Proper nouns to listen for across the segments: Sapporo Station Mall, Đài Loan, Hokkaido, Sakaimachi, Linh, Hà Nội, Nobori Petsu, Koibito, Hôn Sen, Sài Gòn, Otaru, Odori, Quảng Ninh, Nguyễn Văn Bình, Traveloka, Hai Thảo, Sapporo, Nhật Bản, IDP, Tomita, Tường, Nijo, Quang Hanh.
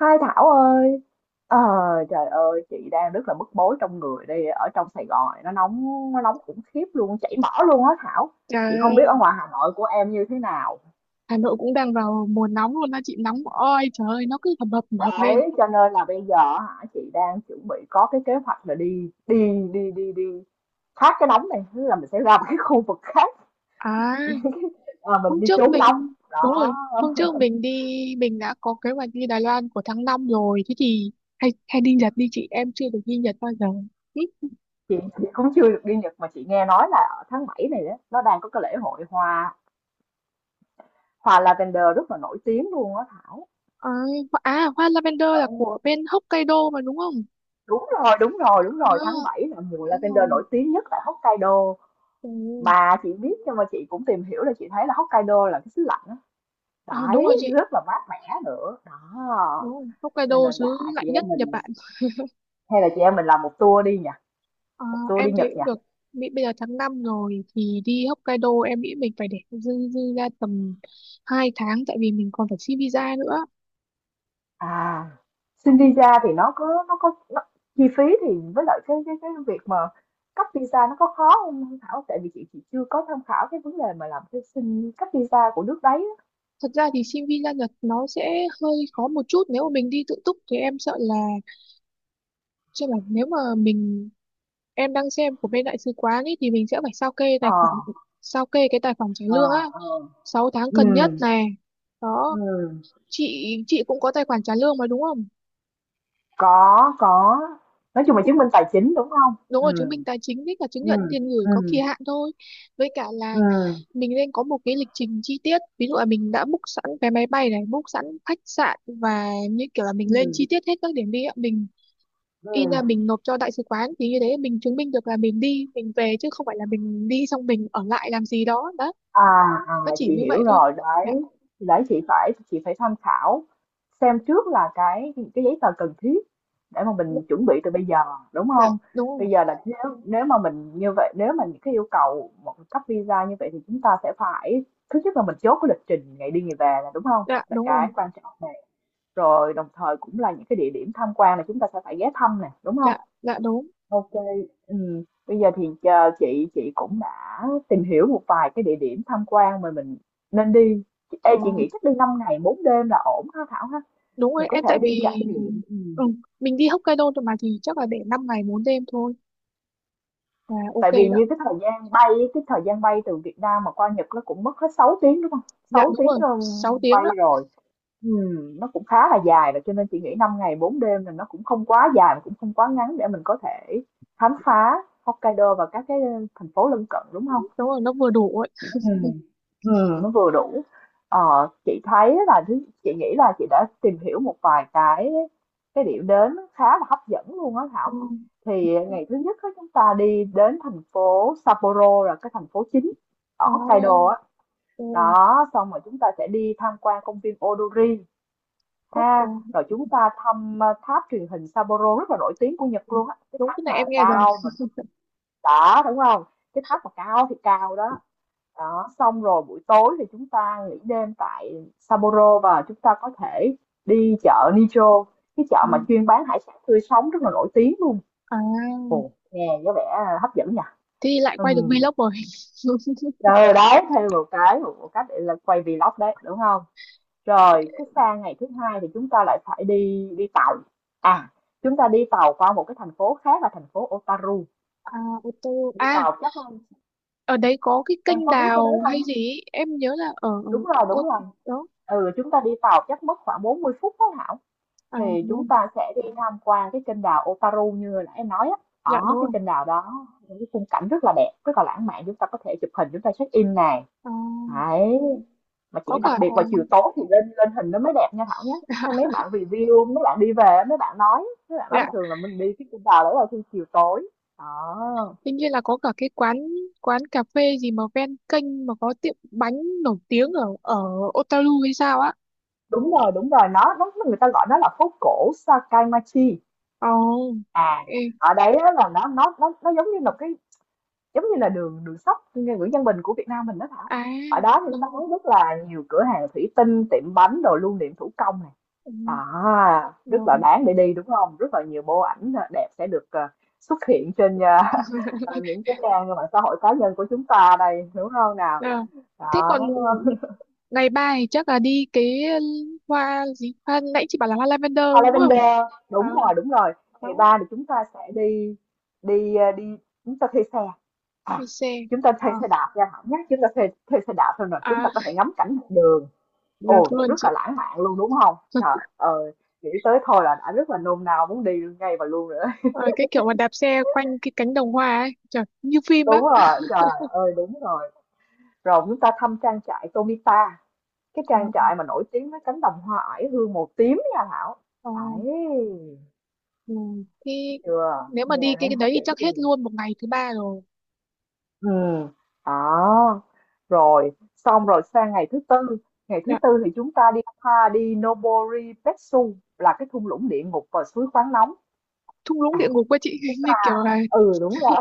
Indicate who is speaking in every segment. Speaker 1: Hai Thảo ơi, ờ, trời ơi, chị đang rất là bức bối trong người đây. Ở trong Sài Gòn này nó nóng khủng khiếp luôn, chảy mỡ luôn á Thảo. Chị
Speaker 2: Trời
Speaker 1: không biết
Speaker 2: ơi,
Speaker 1: ở ngoài Hà Nội của em như thế nào.
Speaker 2: Hà Nội cũng đang vào mùa nóng luôn đó chị, nóng oi, trời ơi nó cứ hầm hập lên.
Speaker 1: Đấy, cho nên là bây giờ hả, chị đang chuẩn bị có cái kế hoạch là đi, đi đi đi đi thoát cái nóng này, tức là mình sẽ ra một cái khu vực khác.
Speaker 2: À
Speaker 1: À, mình
Speaker 2: hôm
Speaker 1: đi
Speaker 2: trước
Speaker 1: trốn nóng
Speaker 2: mình Đúng
Speaker 1: đó.
Speaker 2: rồi, hôm trước mình đi, mình đã có kế hoạch đi Đài Loan của tháng 5 rồi. Thế thì hay hay đi Nhật đi chị, em chưa được đi Nhật bao giờ. Ừ,
Speaker 1: Chị cũng chưa được đi Nhật, mà chị nghe nói là ở tháng 7 này đó, nó đang có cái lễ hội hoa, lavender rất là nổi tiếng luôn á Thảo.
Speaker 2: à, à hoa lavender
Speaker 1: Ờ.
Speaker 2: là của bên Hokkaido mà đúng không?
Speaker 1: Đúng rồi, đúng rồi, đúng rồi, tháng
Speaker 2: À
Speaker 1: 7 là mùa
Speaker 2: đúng
Speaker 1: lavender
Speaker 2: rồi,
Speaker 1: nổi tiếng nhất tại Hokkaido.
Speaker 2: ừ.
Speaker 1: Bà chị biết, nhưng mà chị cũng tìm hiểu là chị thấy là Hokkaido là cái xứ lạnh á.
Speaker 2: À đúng
Speaker 1: Đấy,
Speaker 2: rồi chị,
Speaker 1: rất là mát mẻ nữa.
Speaker 2: đúng
Speaker 1: Đó.
Speaker 2: rồi Hokkaido
Speaker 1: Cho nên
Speaker 2: xứ
Speaker 1: là
Speaker 2: lạnh
Speaker 1: chị
Speaker 2: nhất
Speaker 1: em
Speaker 2: Nhật
Speaker 1: mình
Speaker 2: Bản.
Speaker 1: hay là chị em mình làm một tour đi nhỉ,
Speaker 2: Ờ,
Speaker 1: một tour
Speaker 2: em
Speaker 1: đi
Speaker 2: thấy
Speaker 1: Nhật nhỉ.
Speaker 2: cũng được. Mỹ bây giờ tháng 5 rồi thì đi Hokkaido em nghĩ mình phải để dư dư ra tầm 2 tháng, tại vì mình còn phải xin visa nữa.
Speaker 1: À,
Speaker 2: Ờ,
Speaker 1: xin visa thì chi phí thì, với lại cái việc mà cấp visa nó có khó không Hương Thảo? Tại vì chị chưa có tham khảo cái vấn đề mà làm cái xin cấp visa của nước đấy á.
Speaker 2: thật ra thì xin visa Nhật nó sẽ hơi khó một chút, nếu mà mình đi tự túc thì em sợ là, chứ là nếu mà mình em đang xem của bên đại sứ quán ấy thì mình sẽ phải sao kê
Speaker 1: Ờ,
Speaker 2: tài khoản, sao kê cái tài khoản trả
Speaker 1: ờ,
Speaker 2: lương á,
Speaker 1: ờ.
Speaker 2: 6 tháng
Speaker 1: Ừ.
Speaker 2: cần nhất này. Đó,
Speaker 1: Ừ,
Speaker 2: chị cũng có tài khoản trả lương mà đúng không?
Speaker 1: có, nói
Speaker 2: Ờ.
Speaker 1: chung là chứng minh tài chính, đúng không.
Speaker 2: Đúng rồi, chứng
Speaker 1: Ừ,
Speaker 2: minh tài chính với cả chứng
Speaker 1: ừ,
Speaker 2: nhận tiền gửi
Speaker 1: ừ,
Speaker 2: có kỳ hạn thôi. Với cả là
Speaker 1: ừ,
Speaker 2: mình nên có một cái lịch trình chi tiết, ví dụ là mình đã book sẵn vé máy bay này, book sẵn khách sạn và như kiểu là mình lên
Speaker 1: ừm,
Speaker 2: chi tiết hết các điểm đi ạ, mình in ra
Speaker 1: ừm.
Speaker 2: mình nộp cho đại sứ quán, thì như thế mình chứng minh được là mình đi mình về, chứ không phải là mình đi xong mình ở lại làm gì đó đó.
Speaker 1: À, à,
Speaker 2: Nó chỉ
Speaker 1: chị
Speaker 2: như
Speaker 1: hiểu
Speaker 2: vậy thôi.
Speaker 1: rồi,
Speaker 2: Dạ.
Speaker 1: đấy, thì đấy chị phải tham khảo xem trước là cái giấy tờ cần thiết để mà
Speaker 2: Dạ,
Speaker 1: mình chuẩn bị từ bây giờ, đúng
Speaker 2: dạ,
Speaker 1: không.
Speaker 2: đúng rồi.
Speaker 1: Bây giờ là nếu nếu mà mình như vậy, nếu mà những cái yêu cầu một cấp visa như vậy thì chúng ta sẽ phải, thứ nhất là mình chốt cái lịch trình ngày đi ngày về, là đúng không.
Speaker 2: Dạ
Speaker 1: Là
Speaker 2: đúng rồi.
Speaker 1: cái quan trọng nè. Rồi đồng thời cũng là những cái địa điểm tham quan là chúng ta sẽ phải ghé thăm nè, đúng không?
Speaker 2: Dạ dạ đúng.
Speaker 1: OK, bây giờ thì chờ chị, cũng đã tìm hiểu một vài cái địa điểm tham quan mà mình nên đi.
Speaker 2: Ừ,
Speaker 1: Ê, chị nghĩ chắc đi 5 ngày 4 đêm là ổn ha Thảo ha?
Speaker 2: đúng rồi
Speaker 1: Mình có
Speaker 2: em,
Speaker 1: thể
Speaker 2: tại
Speaker 1: đi trải
Speaker 2: vì
Speaker 1: nghiệm.
Speaker 2: ừ, mình đi Hokkaido thôi mà thì chắc là để 5 ngày 4 đêm thôi. À, ok
Speaker 1: Tại vì
Speaker 2: đó.
Speaker 1: như cái thời gian bay từ Việt Nam mà qua Nhật nó cũng mất hết 6 tiếng, đúng không?
Speaker 2: Dạ
Speaker 1: Sáu
Speaker 2: đúng rồi,
Speaker 1: tiếng, ơ,
Speaker 2: 6 tiếng
Speaker 1: bay
Speaker 2: đó.
Speaker 1: rồi. Nó cũng khá là dài rồi cho nên chị nghĩ 5 ngày 4 đêm là nó cũng không quá dài mà cũng không quá ngắn để mình có thể khám phá Hokkaido và các cái thành phố lân cận, đúng không?
Speaker 2: Đúng rồi, nó vừa đủ ấy.
Speaker 1: Ừ. Ừ, nó vừa đủ. Ờ, chị thấy là chị nghĩ là chị đã tìm hiểu một vài cái điểm đến khá là hấp dẫn luôn á
Speaker 2: Ừ.
Speaker 1: Thảo. Thì ngày thứ nhất á, chúng ta đi đến thành phố Sapporo, là cái thành phố chính ở
Speaker 2: À,
Speaker 1: Hokkaido á.
Speaker 2: ừ.
Speaker 1: Đó, xong rồi chúng ta sẽ đi tham quan công viên Odori
Speaker 2: Cốc
Speaker 1: ha,
Speaker 2: ừ.
Speaker 1: rồi chúng ta thăm tháp truyền hình Sapporo, rất là nổi tiếng của Nhật luôn á, cái
Speaker 2: Đúng, cái
Speaker 1: tháp
Speaker 2: này
Speaker 1: mà
Speaker 2: em nghe rồi.
Speaker 1: cao mà, đó, đúng không, cái tháp mà cao thì cao đó. Đó, xong rồi buổi tối thì chúng ta nghỉ đêm tại Sapporo và chúng ta có thể đi chợ Nijo, cái chợ
Speaker 2: Ừ.
Speaker 1: mà chuyên bán hải sản tươi sống rất là nổi tiếng luôn.
Speaker 2: À,
Speaker 1: Ồ, nghe có vẻ hấp dẫn nhỉ.
Speaker 2: thì lại quay được
Speaker 1: Ừ.
Speaker 2: vlog rồi.
Speaker 1: Rồi đấy, thêm một cái, để là quay vlog đấy, đúng không. Rồi, cái sang ngày thứ hai thì chúng ta lại phải đi đi tàu. À, chúng ta đi tàu qua một cái thành phố khác là thành phố Otaru.
Speaker 2: À, ô tô.
Speaker 1: Đi
Speaker 2: À,
Speaker 1: tàu chắc,
Speaker 2: ở đấy có cái
Speaker 1: em
Speaker 2: kênh
Speaker 1: có biết cái đấy
Speaker 2: đào
Speaker 1: không?
Speaker 2: hay gì ấy. Em nhớ là ở
Speaker 1: Đúng
Speaker 2: ở
Speaker 1: rồi,
Speaker 2: ô.
Speaker 1: đúng rồi.
Speaker 2: Đó.
Speaker 1: Ừ, chúng ta đi tàu chắc mất khoảng 40 phút đó Thảo.
Speaker 2: À,
Speaker 1: Thì chúng
Speaker 2: đúng.
Speaker 1: ta sẽ đi tham quan cái kênh đào Otaru như là em nói á.
Speaker 2: Dạ
Speaker 1: Ở
Speaker 2: đúng rồi.
Speaker 1: cái kênh đào đó, những cái khung cảnh rất là đẹp, rất là lãng mạn. Chúng ta có thể chụp hình, chúng ta check in này.
Speaker 2: À,
Speaker 1: Đấy,
Speaker 2: đúng.
Speaker 1: mà chỉ
Speaker 2: Có
Speaker 1: đặc
Speaker 2: cả.
Speaker 1: biệt vào chiều tối thì lên lên hình nó mới đẹp nha Thảo nhé. Hay mấy bạn review, mấy bạn đi về mấy bạn nói,
Speaker 2: Dạ,
Speaker 1: là thường là mình đi cái cung đào đấy là khi chiều tối. À,
Speaker 2: tuy nhiên là có cả cái quán, cà phê gì mà ven kênh mà có tiệm bánh nổi tiếng ở ở Otaru hay sao á.
Speaker 1: đúng rồi, đúng rồi, nó người ta gọi nó là phố cổ Sakaimachi.
Speaker 2: Ồ,
Speaker 1: À,
Speaker 2: ê,
Speaker 1: ở đấy á là nó giống như là cái, giống như là đường đường sách như Nguyễn Văn Bình của Việt Nam mình đó Thảo.
Speaker 2: à,
Speaker 1: Ở đó thì nó
Speaker 2: đúng rồi,
Speaker 1: bán rất là nhiều cửa hàng thủy tinh, tiệm bánh, đồ lưu niệm thủ công nè.
Speaker 2: ừ,
Speaker 1: À, rất là
Speaker 2: rồi.
Speaker 1: đáng để đi đúng không? Rất là nhiều bộ ảnh đẹp sẽ được, xuất hiện trên, những cái trang mạng xã hội cá nhân của chúng ta đây, đúng không nào?
Speaker 2: Ờ, thế
Speaker 1: Đó.
Speaker 2: còn ngày ba thì chắc là đi cái hoa gì? Hoa, nãy chị bảo là hoa lavender
Speaker 1: À,
Speaker 2: đúng không?
Speaker 1: Lavender,
Speaker 2: Ờ,
Speaker 1: đúng rồi, đúng rồi. Ngày
Speaker 2: đó,
Speaker 1: ba thì chúng ta sẽ đi, đi ờ, đi chúng ta thuê xe. À,
Speaker 2: thuê xe.
Speaker 1: chúng ta
Speaker 2: Ờ,
Speaker 1: thuê xe đạp nha Thảo nhé. Chúng ta thuê thuê xe đạp thôi, rồi chúng
Speaker 2: à,
Speaker 1: ta có thể ngắm cảnh dọc đường.
Speaker 2: được
Speaker 1: Ồ,
Speaker 2: luôn
Speaker 1: rất
Speaker 2: chị.
Speaker 1: là lãng mạn luôn đúng không? Trời ơi, nghĩ tới thôi là đã rất là nôn nao muốn đi ngay và luôn rồi.
Speaker 2: Ờ, cái kiểu mà đạp xe quanh cái cánh đồng hoa ấy, trời, như phim
Speaker 1: Đúng
Speaker 2: á.
Speaker 1: rồi, trời ơi đúng rồi. Rồi chúng ta thăm trang trại Tomita, cái
Speaker 2: Ờ,
Speaker 1: trang trại mà nổi tiếng với cánh đồng hoa oải hương màu tím nha Thảo
Speaker 2: ờ,
Speaker 1: ấy,
Speaker 2: ừ. Thế
Speaker 1: chưa,
Speaker 2: nếu mà đi
Speaker 1: nghe này
Speaker 2: cái
Speaker 1: hấp
Speaker 2: đấy thì
Speaker 1: dẫn
Speaker 2: chắc
Speaker 1: chưa?
Speaker 2: hết luôn một ngày thứ ba rồi.
Speaker 1: Ừ. Đó. Rồi xong rồi sang ngày thứ tư, ngày thứ
Speaker 2: Dạ,
Speaker 1: tư thì chúng ta đi đi Nobori Petsu, là cái thung lũng địa ngục và suối khoáng nóng.
Speaker 2: thung lũng địa
Speaker 1: À,
Speaker 2: ngục quá chị,
Speaker 1: chúng
Speaker 2: như
Speaker 1: ta,
Speaker 2: kiểu là,
Speaker 1: ừ đúng rồi,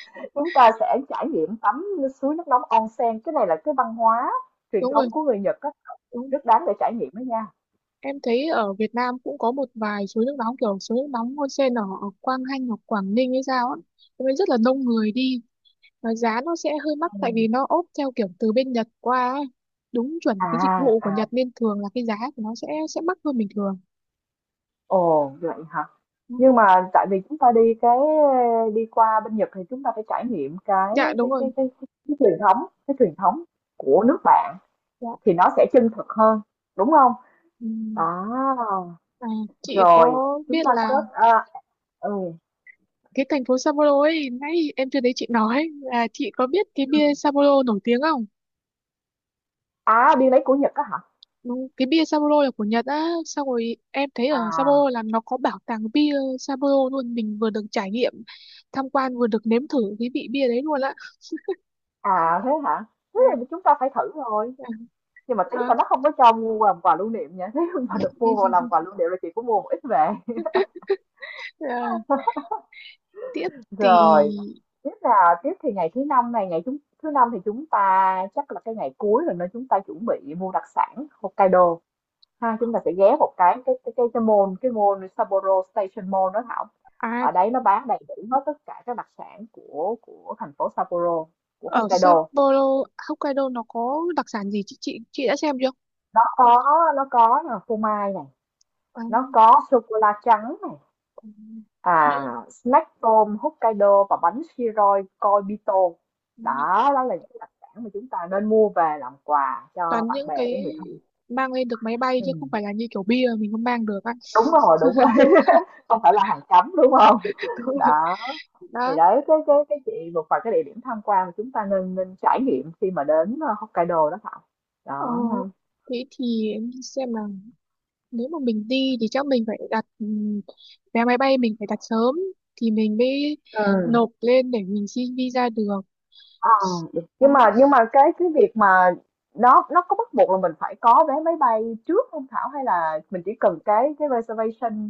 Speaker 1: chúng ta sẽ trải nghiệm tắm suối nước nóng onsen, cái này là cái văn hóa truyền
Speaker 2: đúng rồi,
Speaker 1: thống của người Nhật á,
Speaker 2: đúng.
Speaker 1: rất đáng để trải nghiệm đó nha.
Speaker 2: Em thấy ở Việt Nam cũng có một vài suối nước nóng kiểu suối nước nóng Hôn Sen ở ở Quang Hanh hoặc Quảng Ninh hay sao á. Thế nên rất là đông người đi và giá nó sẽ hơi mắc tại
Speaker 1: Ừ.
Speaker 2: vì nó ốp theo kiểu từ bên Nhật qua ấy. Đúng chuẩn
Speaker 1: À,
Speaker 2: cái dịch vụ của
Speaker 1: à,
Speaker 2: Nhật nên thường là cái giá của nó sẽ mắc hơn bình thường.
Speaker 1: ồ, vậy hả?
Speaker 2: Ừ.
Speaker 1: Nhưng mà tại vì chúng ta đi qua bên Nhật thì chúng ta phải trải nghiệm
Speaker 2: Dạ đúng rồi.
Speaker 1: cái truyền thống của nước bạn
Speaker 2: Dạ.
Speaker 1: thì nó sẽ chân thực hơn, đúng không?
Speaker 2: Ừ.
Speaker 1: À.
Speaker 2: À, chị
Speaker 1: Rồi,
Speaker 2: có biết
Speaker 1: chúng ta
Speaker 2: là
Speaker 1: kết à, ừ.
Speaker 2: cái thành phố Sapporo ấy, nãy em chưa thấy chị nói là chị có biết cái
Speaker 1: Ừ.
Speaker 2: bia Sapporo nổi tiếng không?
Speaker 1: À, đi lấy của Nhật á hả?
Speaker 2: Ừ, cái bia Sapporo là của Nhật á, xong rồi em thấy ở
Speaker 1: À,
Speaker 2: Sapporo là nó có bảo tàng bia Sapporo luôn, mình vừa được trải nghiệm tham quan vừa được nếm thử cái vị bia đấy luôn á.
Speaker 1: à thế hả? Thế
Speaker 2: À,
Speaker 1: thì chúng ta phải thử rồi.
Speaker 2: à,
Speaker 1: Nhưng mà tiếc
Speaker 2: à,
Speaker 1: là nó không có cho mua làm quà lưu niệm nha. Nếu mà được mua vào làm quà lưu niệm là chị cũng mua một ít về.
Speaker 2: à, tiếp thì
Speaker 1: Rồi, tiếp là tiếp thì ngày thứ năm này, ngày chúng thứ năm thì chúng ta chắc là cái ngày cuối rồi, nên chúng ta chuẩn bị mua đặc sản Hokkaido ha, chúng ta sẽ ghé một cái mall Sapporo Station Mall đó Thảo.
Speaker 2: à,
Speaker 1: Ở đấy nó bán đầy đủ hết tất cả các đặc sản của thành phố Sapporo, của
Speaker 2: ở
Speaker 1: Hokkaido.
Speaker 2: Sapporo Hokkaido nó có đặc sản gì chị đã xem chưa?
Speaker 1: Nó có, là phô mai này,
Speaker 2: À,
Speaker 1: nó có sô cô la trắng,
Speaker 2: ừ,
Speaker 1: à
Speaker 2: những
Speaker 1: snack tôm Hokkaido và bánh siroi Koibito, đó đó là những cái đặc sản mà chúng ta nên mua về làm quà cho
Speaker 2: toàn
Speaker 1: bạn
Speaker 2: những
Speaker 1: bè
Speaker 2: cái
Speaker 1: với người thân.
Speaker 2: mang lên được máy bay
Speaker 1: Ừ.
Speaker 2: chứ không phải là như kiểu bia mình không mang được á.
Speaker 1: Đúng rồi, đúng rồi. Không phải là hàng cấm đúng không.
Speaker 2: Đúng rồi.
Speaker 1: Đó,
Speaker 2: Đó.
Speaker 1: thì đấy cái chị một vài cái địa điểm tham quan mà chúng ta nên nên trải nghiệm khi mà đến, Hokkaido đó Thảo,
Speaker 2: Ờ,
Speaker 1: đó ha.
Speaker 2: thế thì em xem nào, nếu mà mình đi thì chắc mình phải đặt vé máy bay, mình phải đặt sớm thì mình mới
Speaker 1: Ừ.
Speaker 2: nộp lên để mình xin visa được.
Speaker 1: Ờ, được. Nhưng
Speaker 2: Đó,
Speaker 1: mà cái việc mà nó có bắt buộc là mình phải có vé máy bay trước không Thảo, hay là mình chỉ cần cái reservation,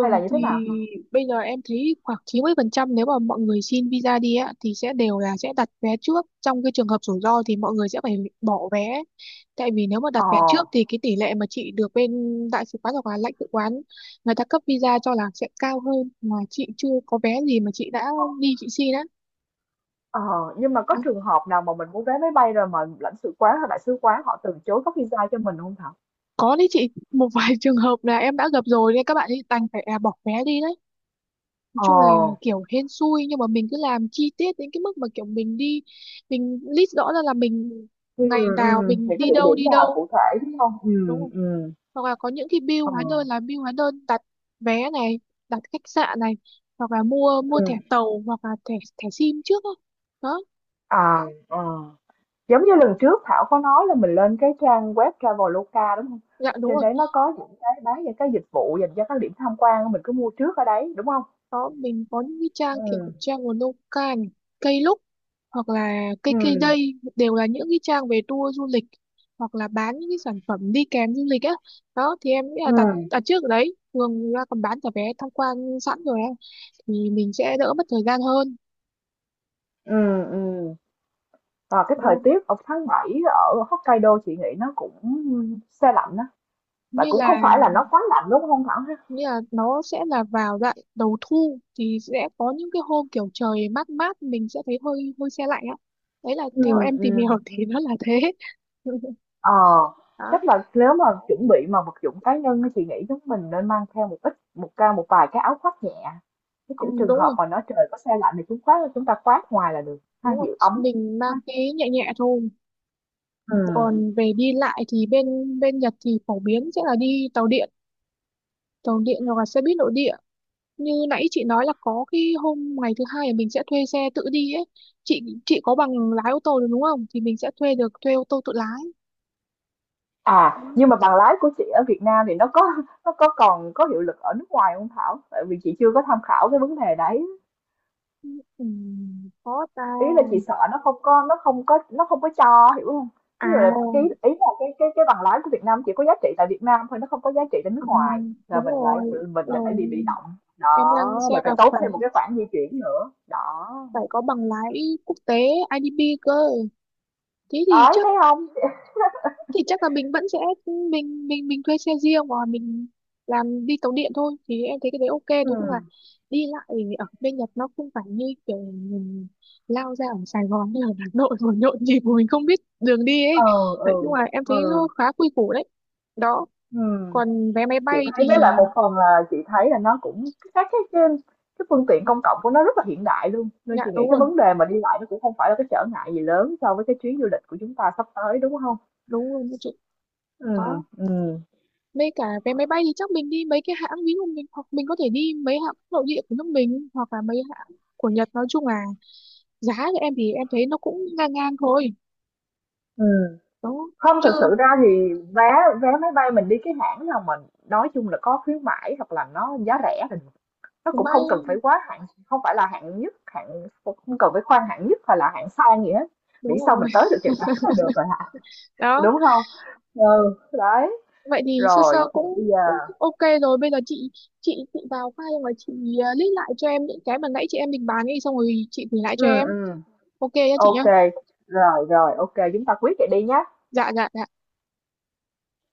Speaker 1: hay là như thế
Speaker 2: thì
Speaker 1: nào thôi?
Speaker 2: bây giờ em thấy khoảng 90% nếu mà mọi người xin visa đi á thì sẽ đều là sẽ đặt vé trước, trong cái trường hợp rủi ro thì mọi người sẽ phải bỏ vé, tại vì nếu mà
Speaker 1: Ờ.
Speaker 2: đặt vé trước thì cái tỷ lệ mà chị được bên đại sứ quán hoặc là lãnh sự quán người ta cấp visa cho là sẽ cao hơn, mà chị chưa có vé gì mà chị đã
Speaker 1: Có.
Speaker 2: đi chị xin á.
Speaker 1: Ờ, nhưng mà có trường hợp nào mà mình mua vé máy bay rồi mà lãnh sự quán hay đại sứ quán họ từ chối cấp visa cho mình không Thảo?
Speaker 2: Có đấy chị, một vài trường hợp là em đã gặp rồi nên các bạn ấy đành phải à, bỏ vé đi đấy. Nói
Speaker 1: Ờ.
Speaker 2: chung là kiểu hên xui, nhưng mà mình cứ làm chi tiết đến cái mức mà kiểu mình đi, mình list rõ ra là mình
Speaker 1: Ừ,
Speaker 2: ngày
Speaker 1: ừ,
Speaker 2: nào mình
Speaker 1: những cái
Speaker 2: đi
Speaker 1: địa
Speaker 2: đâu
Speaker 1: điểm
Speaker 2: đi
Speaker 1: nào
Speaker 2: đâu,
Speaker 1: cụ thể đúng không?
Speaker 2: đúng
Speaker 1: Ừ,
Speaker 2: không?
Speaker 1: ừ,
Speaker 2: Hoặc là có những cái bill
Speaker 1: ờ,
Speaker 2: hóa đơn, là bill hóa đơn đặt vé này, đặt khách sạn này, hoặc là mua mua
Speaker 1: ừ.
Speaker 2: thẻ tàu hoặc là thẻ thẻ sim trước đó. Đó,
Speaker 1: À, ờ. Giống như lần trước Thảo có nói là mình lên cái trang web Traveloka, đúng không.
Speaker 2: dạ đúng
Speaker 1: Trên
Speaker 2: rồi.
Speaker 1: đấy nó có những cái bán những cái dịch vụ dành cho các điểm tham quan, mình cứ mua trước ở đấy, đúng không.
Speaker 2: Đó, mình có những cái trang,
Speaker 1: Ừ,
Speaker 2: kiểu trang của nông cạn, cây lúc hoặc là cây cây
Speaker 1: ừ,
Speaker 2: đây, đều là những cái trang về tour du lịch hoặc là bán những cái sản phẩm đi kèm du lịch á. Đó thì em nghĩ là
Speaker 1: ừ,
Speaker 2: đặt đặt trước ở đấy, thường người ta còn bán cả vé tham quan sẵn rồi á, thì mình sẽ đỡ mất thời gian hơn.
Speaker 1: ừ, ừm. Và cái thời
Speaker 2: Đó,
Speaker 1: tiết ở tháng 7 ở Hokkaido chị nghĩ nó cũng se lạnh đó, mà
Speaker 2: như
Speaker 1: cũng
Speaker 2: là
Speaker 1: không phải là nó quá lạnh, đúng không Thảo ha?
Speaker 2: như là nó sẽ là vào đoạn đầu thu thì sẽ có những cái hôm kiểu trời mát mát, mình sẽ thấy hơi hơi se lạnh á. Đấy là
Speaker 1: Ừ.
Speaker 2: theo em tìm
Speaker 1: Ừm.
Speaker 2: hiểu thì nó là thế.
Speaker 1: Ờ,
Speaker 2: Đó.
Speaker 1: chắc là nếu mà chuẩn bị mà vật dụng cá nhân thì chị nghĩ chúng mình nên mang theo một ít, một vài cái áo khoác nhẹ, cái
Speaker 2: Ừ,
Speaker 1: kiểu trường
Speaker 2: đúng rồi
Speaker 1: hợp mà nó trời có xe lạnh thì chúng ta khoác ngoài là được ha,
Speaker 2: đúng rồi,
Speaker 1: giữ ấm
Speaker 2: mình
Speaker 1: ha.
Speaker 2: mang cái nhẹ nhẹ thôi.
Speaker 1: Ừ.
Speaker 2: Còn về đi lại thì bên bên Nhật thì phổ biến sẽ là đi tàu điện, tàu điện hoặc là xe buýt nội địa. Như nãy chị nói là có cái hôm ngày thứ hai là mình sẽ thuê xe tự đi ấy, chị có bằng lái ô tô được đúng không, thì mình sẽ thuê được, thuê ô tô tự lái.
Speaker 1: À, nhưng mà bằng lái của chị ở Việt Nam thì nó có nó có còn có hiệu lực ở nước ngoài không Thảo, tại vì chị chưa có tham khảo cái vấn đề đấy.
Speaker 2: Ừ, có ta.
Speaker 1: Ý là chị sợ nó không có cho, hiểu không.
Speaker 2: À,
Speaker 1: Ví dụ là cái ý là cái bằng lái của Việt Nam chỉ có giá trị tại Việt Nam thôi, nó không có giá trị tại nước
Speaker 2: à
Speaker 1: ngoài, là
Speaker 2: đúng rồi
Speaker 1: mình lại phải
Speaker 2: rồi,
Speaker 1: bị động
Speaker 2: em đang
Speaker 1: đó,
Speaker 2: xem
Speaker 1: mình
Speaker 2: là
Speaker 1: phải tốn
Speaker 2: phải
Speaker 1: thêm một cái khoản di chuyển nữa đó,
Speaker 2: phải có bằng lái quốc tế IDP cơ, thế thì
Speaker 1: đấy
Speaker 2: chắc
Speaker 1: thấy không.
Speaker 2: là mình vẫn sẽ mình thuê xe riêng hoặc là mình làm đi tàu điện thôi, thì em thấy cái đấy ok.
Speaker 1: Ừ,
Speaker 2: Nói chung là đi lại ở bên Nhật nó không phải như kiểu mình lao ra ở Sài Gòn hay là Hà Nội rồi nhộn nhịp mà mình không biết đường đi ấy.
Speaker 1: ừ,
Speaker 2: Nói
Speaker 1: ừ,
Speaker 2: chung là em thấy
Speaker 1: ừ,
Speaker 2: nó khá quy củ đấy. Đó.
Speaker 1: ừ.
Speaker 2: Còn vé máy
Speaker 1: Chị
Speaker 2: bay
Speaker 1: thấy
Speaker 2: thì
Speaker 1: với lại một phần là chị thấy là nó cũng các cái phương tiện công cộng của nó rất là hiện đại luôn, nên
Speaker 2: dạ
Speaker 1: chị nghĩ
Speaker 2: đúng
Speaker 1: cái
Speaker 2: rồi,
Speaker 1: vấn đề mà đi lại nó cũng không phải là cái trở ngại gì lớn so với cái chuyến du lịch của chúng ta sắp tới, đúng không.
Speaker 2: đúng rồi chị.
Speaker 1: Ừ,
Speaker 2: Đó.
Speaker 1: ừ,
Speaker 2: Với cả vé máy bay thì chắc mình đi mấy cái hãng, ví dụ mình hoặc mình có thể đi mấy hãng nội địa của nước mình hoặc là mấy hãng của Nhật, nói chung là giá của em thì em thấy nó cũng ngang ngang thôi.
Speaker 1: ừ.
Speaker 2: Đó.
Speaker 1: Không, thật
Speaker 2: Chưa.
Speaker 1: sự ra thì vé vé máy bay mình đi cái hãng nào mình nói chung là có khuyến mãi, hoặc là nó giá rẻ thì nó
Speaker 2: Đúng
Speaker 1: cũng
Speaker 2: vậy.
Speaker 1: không cần phải quá hạng, không phải là hạng nhất, không cần phải khoan hạng nhất hay là hạng sang gì hết, miễn
Speaker 2: Đúng
Speaker 1: sao
Speaker 2: rồi.
Speaker 1: mình tới được Nhật Bản là được rồi hả,
Speaker 2: Đó.
Speaker 1: đúng không. Ừ đấy,
Speaker 2: Vậy thì sơ sơ
Speaker 1: rồi thì bây
Speaker 2: cũng
Speaker 1: giờ.
Speaker 2: cũng ok rồi, bây giờ chị chị vào file và chị list lại cho em những cái mà nãy chị em định bàn đi, xong rồi chị gửi lại
Speaker 1: Ừ.
Speaker 2: cho em.
Speaker 1: Ừ,
Speaker 2: Ok nhá chị
Speaker 1: ok,
Speaker 2: nhá.
Speaker 1: rồi rồi ok chúng ta quyết vậy đi nhá.
Speaker 2: Dạ dạ dạ.